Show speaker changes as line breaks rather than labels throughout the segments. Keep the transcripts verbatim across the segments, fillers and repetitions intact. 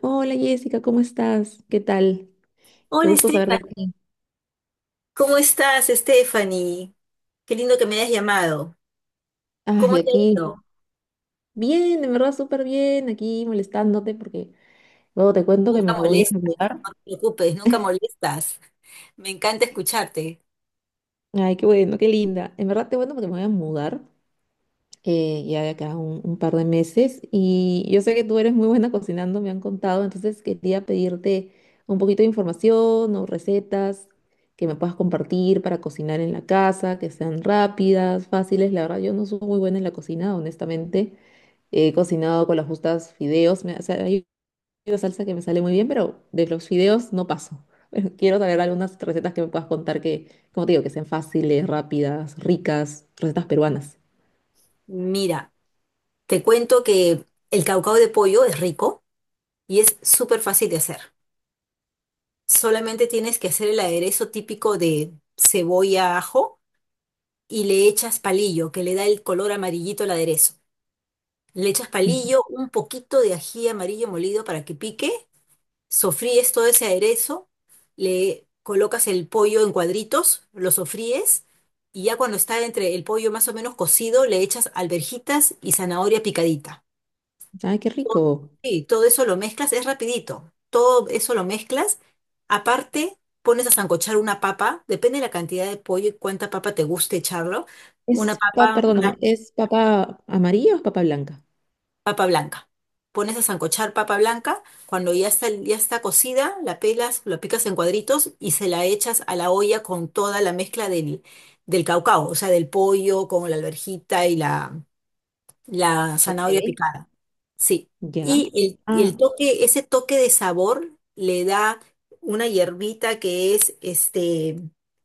Hola Jessica, ¿cómo estás? ¿Qué tal? Qué
Hola,
gusto saber
Estefan.
de ti.
¿Cómo estás, Stephanie? Qué lindo que me hayas llamado. ¿Cómo
Ay,
te ha
aquí.
ido?
Bien, en verdad súper bien, aquí molestándote porque luego te cuento que me
Nunca
voy a
molestas,
mudar.
no te preocupes, nunca molestas. Me encanta escucharte.
Ay, qué bueno, qué linda. En verdad te cuento porque me voy a mudar eh, ya de acá un, un par de meses y yo sé que tú eres muy buena cocinando, me han contado, entonces quería pedirte un poquito de información o recetas que me puedas compartir para cocinar en la casa, que sean rápidas, fáciles. La verdad, yo no soy muy buena en la cocina, honestamente. He cocinado con las justas fideos. Me- o sea, hay una salsa que me sale muy bien, pero de los fideos no paso. Quiero saber algunas recetas que me puedas contar que, como te digo, que sean fáciles, rápidas, ricas, recetas peruanas.
Mira, te cuento que el caucao de pollo es rico y es súper fácil de hacer. Solamente tienes que hacer el aderezo típico de cebolla, ajo y le echas palillo, que le da el color amarillito al aderezo. Le echas
Ujú.
palillo, un poquito de ají amarillo molido para que pique. Sofríes todo ese aderezo, le colocas el pollo en cuadritos, lo sofríes y ya cuando está entre el pollo más o menos cocido, le echas alverjitas y zanahoria picadita.
Ay, qué
Todo-
rico.
Sí, todo eso lo mezclas, es rapidito. Todo eso lo mezclas. Aparte, pones a sancochar una papa, depende de la cantidad de pollo y cuánta papa te guste echarlo. Una
Es, pa-
papa,
perdóname, ¿es papa amarilla o es papa blanca?
papa blanca. Pones a sancochar papa blanca, cuando ya está, ya está cocida, la pelas, lo picas en cuadritos y se la echas a la olla con toda la mezcla del, del caucao, o sea, del pollo con la alverjita y la, la
Ok,
zanahoria picada. Sí.
ya.
Y el, y el
Ah,
toque, ese toque de sabor le da una hierbita que es este,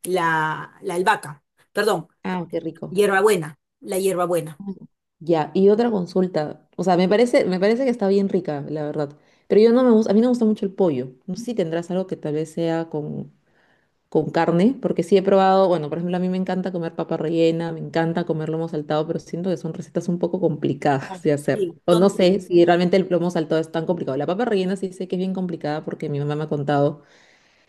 la, la albahaca, perdón,
ah, qué rico.
hierbabuena, la hierbabuena.
Ah, ya, y otra consulta. O sea, me parece, me parece que está bien rica, la verdad. Pero yo no me gusta, a mí no me gusta mucho el pollo. No sé si tendrás algo que tal vez sea con con carne, porque sí he probado, bueno, por ejemplo, a mí me encanta comer papa rellena, me encanta comer lomo saltado, pero siento que son recetas un poco
Ah.
complicadas de hacer.
Sí,
O no
son
sé si realmente el lomo saltado es tan complicado. La papa rellena sí sé que es bien complicada porque mi mamá me ha contado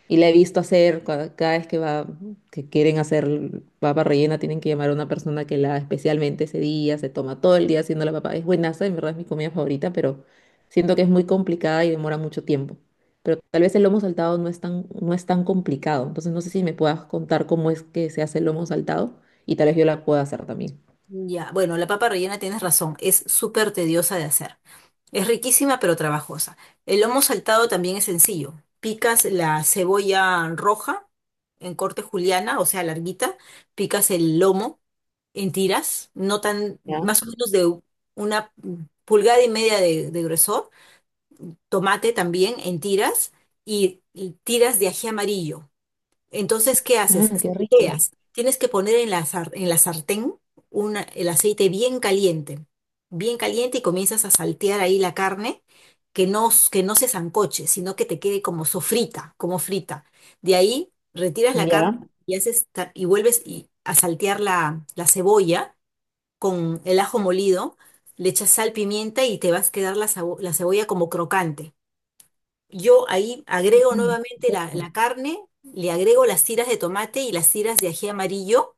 y la he visto hacer cua- cada vez que va, que quieren hacer papa rellena, tienen que llamar a una persona que la haga especialmente ese día, se toma todo el día haciendo la papa. Es buenaza, en verdad es mi comida favorita, pero siento que es muy complicada y demora mucho tiempo. Pero tal vez el lomo saltado no es tan, no es tan complicado. Entonces no sé si me puedas contar cómo es que se hace el lomo saltado y tal vez yo la pueda hacer también.
Ya, bueno, la papa rellena tienes razón, es súper tediosa de hacer. Es riquísima pero trabajosa. El lomo saltado también es sencillo. Picas la cebolla roja en corte juliana, o sea, larguita, picas el lomo en tiras, no tan,
Ya.
más o menos de una pulgada y media de, de grosor, tomate también en tiras y, y tiras de ají amarillo. Entonces, ¿qué haces?
Ah, qué rico.
Salteas. Tienes que poner en la, sar- en la sartén una- el aceite bien caliente, bien caliente y comienzas a saltear ahí la carne, que no, s- que no se sancoche, sino que te quede como sofrita, como frita. De ahí retiras la carne
Ya.
y, haces, ta- y vuelves y- a saltear la, la cebolla con el ajo molido, le echas sal, pimienta y te vas a quedar la, sabo- la cebolla como crocante. Yo ahí agrego
Ah,
nuevamente la,
perfecto.
la carne, le agrego las tiras de tomate y las tiras de ají amarillo,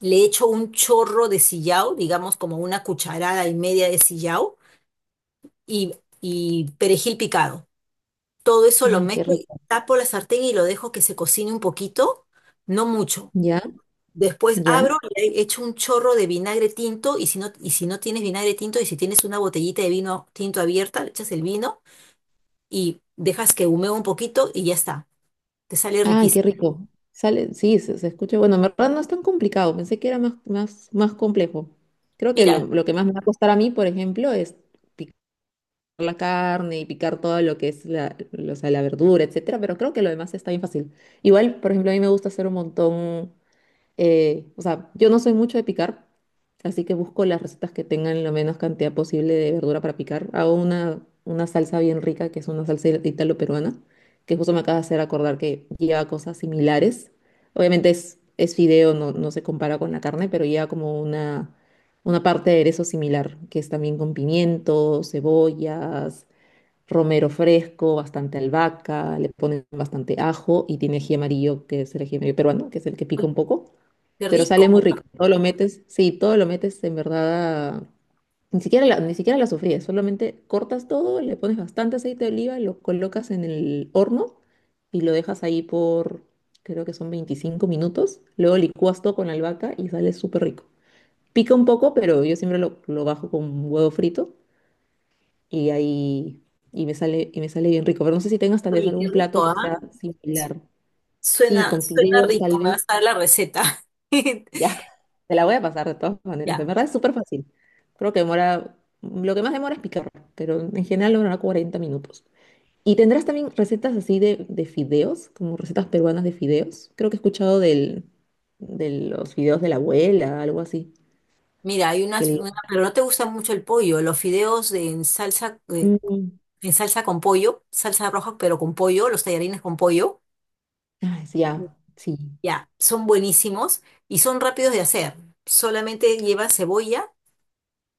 le echo un chorro de sillao, digamos como una cucharada y media de sillao y, y perejil picado. Todo eso lo
Ah, qué
mezclo, y
rico.
tapo la sartén y lo dejo que se cocine un poquito, no mucho.
Ya,
Después
ya.
abro y le echo un chorro de vinagre tinto y si no, y si no tienes vinagre tinto y si tienes una botellita de vino tinto abierta, le echas el vino y dejas que humee un poquito y ya está. Te sale
Ay, qué
riquísimo.
rico. Sale, sí, se, se escucha. Bueno, en verdad no es tan complicado. Pensé que era más, más, más complejo. Creo que
Mira,
lo, lo que más me va a costar a mí, por ejemplo, es picar la carne y picar todo lo que es la, lo- o sea, la verdura, etcétera. Pero creo que lo demás está bien fácil. Igual, por ejemplo, a mí me gusta hacer un montón. Eh, o sea, yo no soy mucho de picar, así que busco las recetas que tengan la menos cantidad posible de verdura para picar. Hago una, una salsa bien rica, que es una salsa italo-peruana, que justo me acaba de hacer acordar que lleva cosas similares. Obviamente es, es fideo, no, no se compara con la carne, pero lleva como una, una parte de aderezo similar, que es también con pimientos, cebollas romero fresco, bastante albahaca, le ponen bastante ajo y tiene ají amarillo, que es el ají amarillo peruano, que es el que pica
uy,
un poco,
qué
pero sale
rico,
muy rico. Todo lo metes, sí, todo lo metes en verdad, a- ni siquiera la, ni siquiera la sofríes, solamente cortas todo, le pones bastante aceite de oliva, lo colocas en el horno y lo dejas ahí por, creo que son veinticinco minutos, luego licuas todo con la albahaca y sale súper rico. Pica un poco, pero yo siempre lo, lo bajo con huevo frito y ahí y me sale y me sale bien rico, pero no sé si tengas tal vez
oye, qué
algún plato
rico,
que
¿ah?
sea similar. Sí,
Suena,
con
suena
fideos tal
rico, me
vez.
vas a dar la receta.
Ya, te la voy a pasar de todas maneras. De
Ya,
verdad es súper fácil. Creo que demora, lo que más demora es picar, pero en general demora cuarenta minutos. ¿Y tendrás también recetas así de, de fideos, como recetas peruanas de fideos? Creo que he escuchado del, de los fideos de la abuela, algo así,
mira, hay
que
unas,
le
una- pero no te gusta mucho el pollo, los fideos en salsa, eh,
Mm,
en salsa con pollo, salsa roja, pero con pollo, los tallarines con pollo,
ah, sí, ya, sí,
ya, son buenísimos y son rápidos de hacer. Solamente lleva cebolla,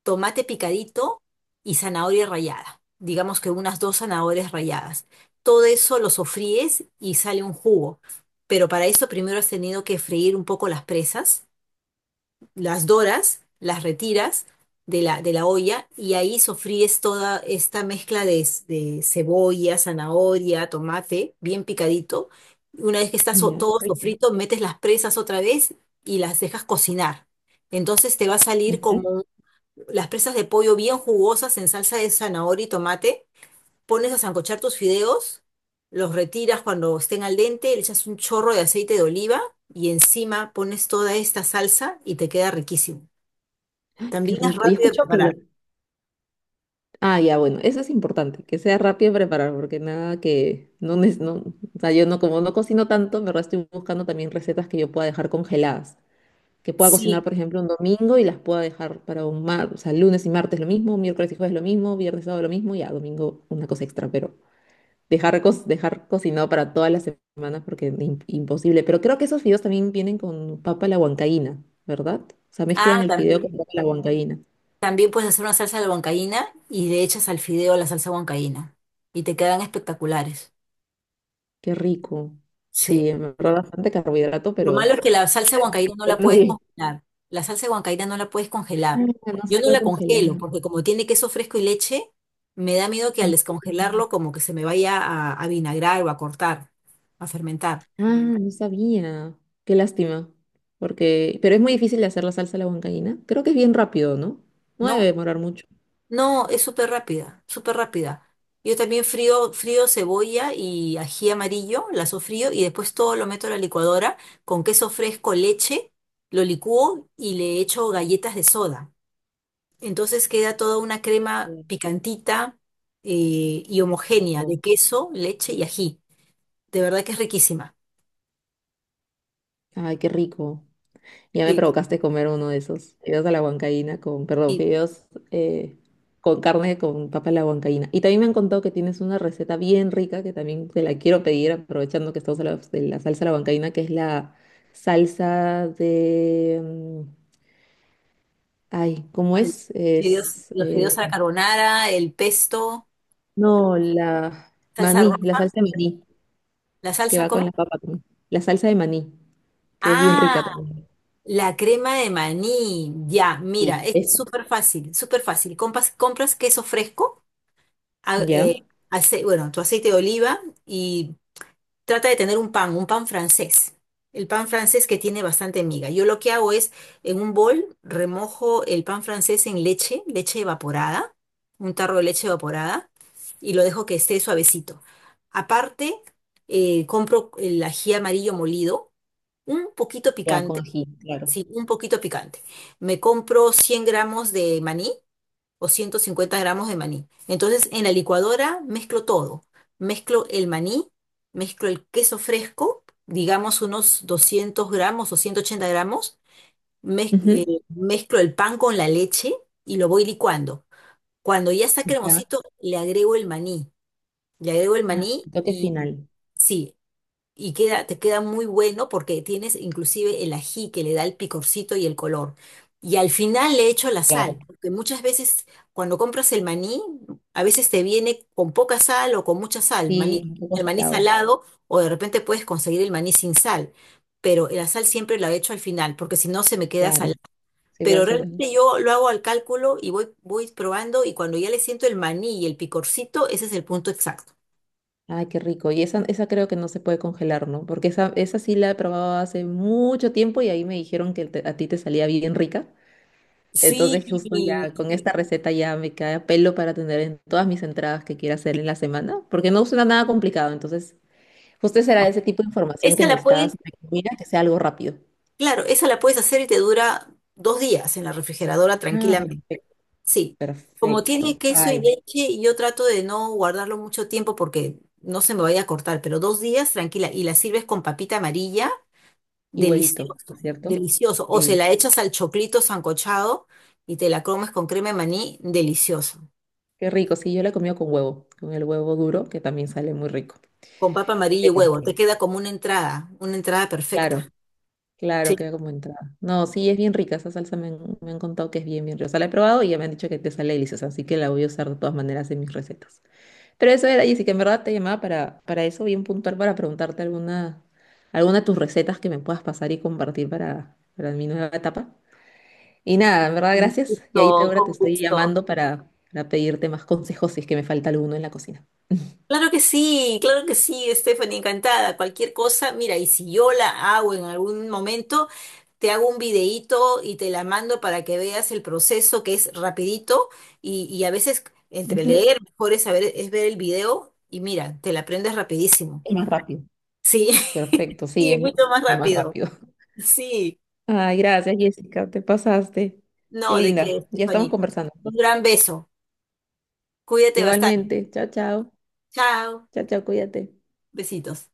tomate picadito y zanahoria rallada. Digamos que unas dos zanahorias ralladas. Todo eso lo sofríes y sale un jugo. Pero para eso primero has tenido que freír un poco las presas, las doras, las retiras de la, de la olla y ahí sofríes toda esta mezcla de, s- de cebolla, zanahoria, tomate, bien picadito. Una vez que está so-
ya,
todo
rico.
sofrito, metes las presas otra vez y las dejas cocinar. Entonces te va a salir
Ujú,
como las presas de pollo bien jugosas en salsa de zanahoria y tomate, pones a sancochar tus fideos, los retiras cuando estén al dente, le echas un chorro de aceite de oliva y encima pones toda esta salsa y te queda riquísimo.
qué
También es
rico. Y
rápido de
escucho que
preparar.
los Ah, ya, bueno, eso es importante, que sea rápido en preparar, porque nada que no, neces- no, o sea, yo no, como no cocino tanto, en verdad estoy buscando también recetas que yo pueda dejar congeladas, que pueda cocinar,
Sí.
por ejemplo, un domingo y las pueda dejar para un mar, o sea, lunes y martes lo mismo, miércoles y jueves lo mismo, viernes y sábado lo mismo, ya, domingo una cosa extra, pero dejar, co- dejar cocinado para todas las semanas porque es im- imposible. Pero creo que esos fideos también vienen con papa a la huancaína, ¿verdad? O sea, mezclan
Ah,
el fideo con
también.
papa a la huancaína.
También puedes hacer una salsa de huancaína y le echas al fideo la salsa huancaína y te quedan espectaculares.
Qué rico.
Sí.
Sí, me ahorró bastante carbohidrato,
Lo malo
pero
es que la salsa huancaína no la
todo
puedes
bien.
congelar. La salsa huancaína no la puedes congelar.
Ah, no se
Yo no
puede
la congelo
congelar.
porque como tiene queso fresco y leche, me da miedo que al
Mm.
descongelarlo como que se me vaya a, a vinagrar o a cortar, a fermentar.
Ah, no sabía. Qué lástima. Porque, pero es muy difícil de hacer la salsa a la huancaína. Creo que es bien rápido, ¿no? No debe
No,
demorar mucho.
no, es súper rápida, súper rápida. Yo también frío, frío cebolla y ají amarillo, la sofrío y después todo lo meto a la licuadora con queso fresco, leche, lo licúo y le echo galletas de soda. Entonces queda toda una crema
Bien,
picantita, eh, y homogénea de
rico.
queso, leche y ají. De verdad que es riquísima.
Ay, qué rico. Ya me
Y,
provocaste comer uno de esos fideos a la huancaína con, perdón,
y
fideos eh, con carne con papa a la huancaína. Y también me han contado que tienes una receta bien rica que también te la quiero pedir, aprovechando que estamos hablando de la salsa a la huancaína, que es la salsa de... mm, ay, ¿cómo
al-
es?
fideos-
Es...
los
eh,
fideos a la carbonara, el pesto,
no, la
salsa
maní, la
roja,
salsa de maní,
la
que
salsa
va
¿cómo?
con la papa también. La salsa de maní, que es bien
Ah,
rica también.
la crema de maní. Ya, mira,
Sí,
es
esa.
súper fácil, súper fácil. Compas- Compras, queso fresco, a-
¿Ya?
eh, ace- bueno, tu aceite de oliva y trata de tener un pan, un pan francés. El pan francés que tiene bastante miga. Yo lo que hago es, en un bol, remojo el pan francés en leche, leche evaporada, un tarro de leche evaporada, y lo dejo que esté suavecito. Aparte, eh, compro el ají amarillo molido, un poquito
Ya, con
picante,
ají, claro.
sí, un poquito picante. Me compro cien gramos de maní, o 150 gramos de maní. Entonces, en la licuadora mezclo todo. Mezclo el maní, mezclo el queso fresco, digamos unos 200 gramos o 180 gramos. Mez-
Ujú.
eh, mezclo el pan con la leche y lo voy licuando. Cuando ya está
Ya.
cremosito, le agrego el maní. Le agrego el
Ah,
maní
toque
y
final.
sí, y queda, te queda muy bueno porque tienes inclusive el ají que le da el picorcito y el color. Y al final le echo la sal,
Claro.
porque muchas veces cuando compras el maní, a veces te viene con poca sal o con mucha sal, maní-
Sí, un poco
el maní
salado.
salado, o de repente puedes conseguir el maní sin sal. Pero la sal siempre la echo al final, porque si no se me queda salada.
Claro. Sí, puede
Pero
ser.
realmente yo lo hago al cálculo y voy, voy probando y cuando ya le siento el maní y el picorcito, ese es el punto exacto.
Ay, qué rico. Y esa, esa creo que no se puede congelar, ¿no? Porque esa, esa sí la he probado hace mucho tiempo y ahí me dijeron que te- a ti te salía bien rica.
Sí,
Entonces, justo ya con esta receta ya me cae a pelo para tener en todas mis entradas que quiera hacer en la semana, porque no suena nada complicado. Entonces, justo será ese tipo de información que
esa la
necesitabas
puedes
sobre comida, que sea algo rápido.
claro, esa la puedes hacer y te dura dos días en la refrigeradora
Ah,
tranquilamente.
perfecto.
Sí. Como tiene
Perfecto.
queso y
Ay,
leche, yo trato de no guardarlo mucho tiempo porque no se me vaya a cortar, pero dos días tranquila y la sirves con papita amarilla,
y huevito, ¿no es
delicioso,
cierto?
delicioso. O se
Sí.
la echas al choclito sancochado y te la comes con crema de maní, delicioso.
Qué rico, sí, yo la he comido con huevo, con el huevo duro, que también sale muy rico.
Con papa amarilla y
Pero
huevo, te
sí.
queda como una entrada, una entrada
Claro,
perfecta.
claro,
Sí,
queda como entrada. No, sí, es bien rica, esa salsa me han, me han contado que es bien, bien rica. O sea, la he probado y ya me han dicho que te sale deliciosa, así que la voy a usar de todas maneras en mis recetas. Pero eso era, Jessica, en verdad te llamaba para, para eso, bien puntual, para preguntarte alguna, alguna de tus recetas que me puedas pasar y compartir para, para mi nueva etapa. Y nada, en verdad,
con
gracias. Y
gusto,
ahí te, ahora
con
te estoy
gusto.
llamando para, para pedirte más consejos si es que me falta alguno en la cocina.
Claro que sí, claro que sí, Stephanie, encantada. Cualquier cosa, mira, y si yo la hago en algún momento, te hago un videíto y te la mando para que veas el proceso que es rapidito y, y a veces entre
Ujú,
leer, mejor es saber, es ver el video y mira, te la aprendes rapidísimo.
es más rápido.
Sí,
Perfecto, sí,
sí,
es
mucho más
muchísimo más
rápido.
rápido.
Sí,
Ay, gracias, Jessica, te pasaste. Qué
no, de qué,
linda. Ya estamos
Stephanie.
conversando.
Un
Pues.
gran beso. Cuídate bastante.
Igualmente, chao, chao.
Chao,
Chao, chao, cuídate.
besitos.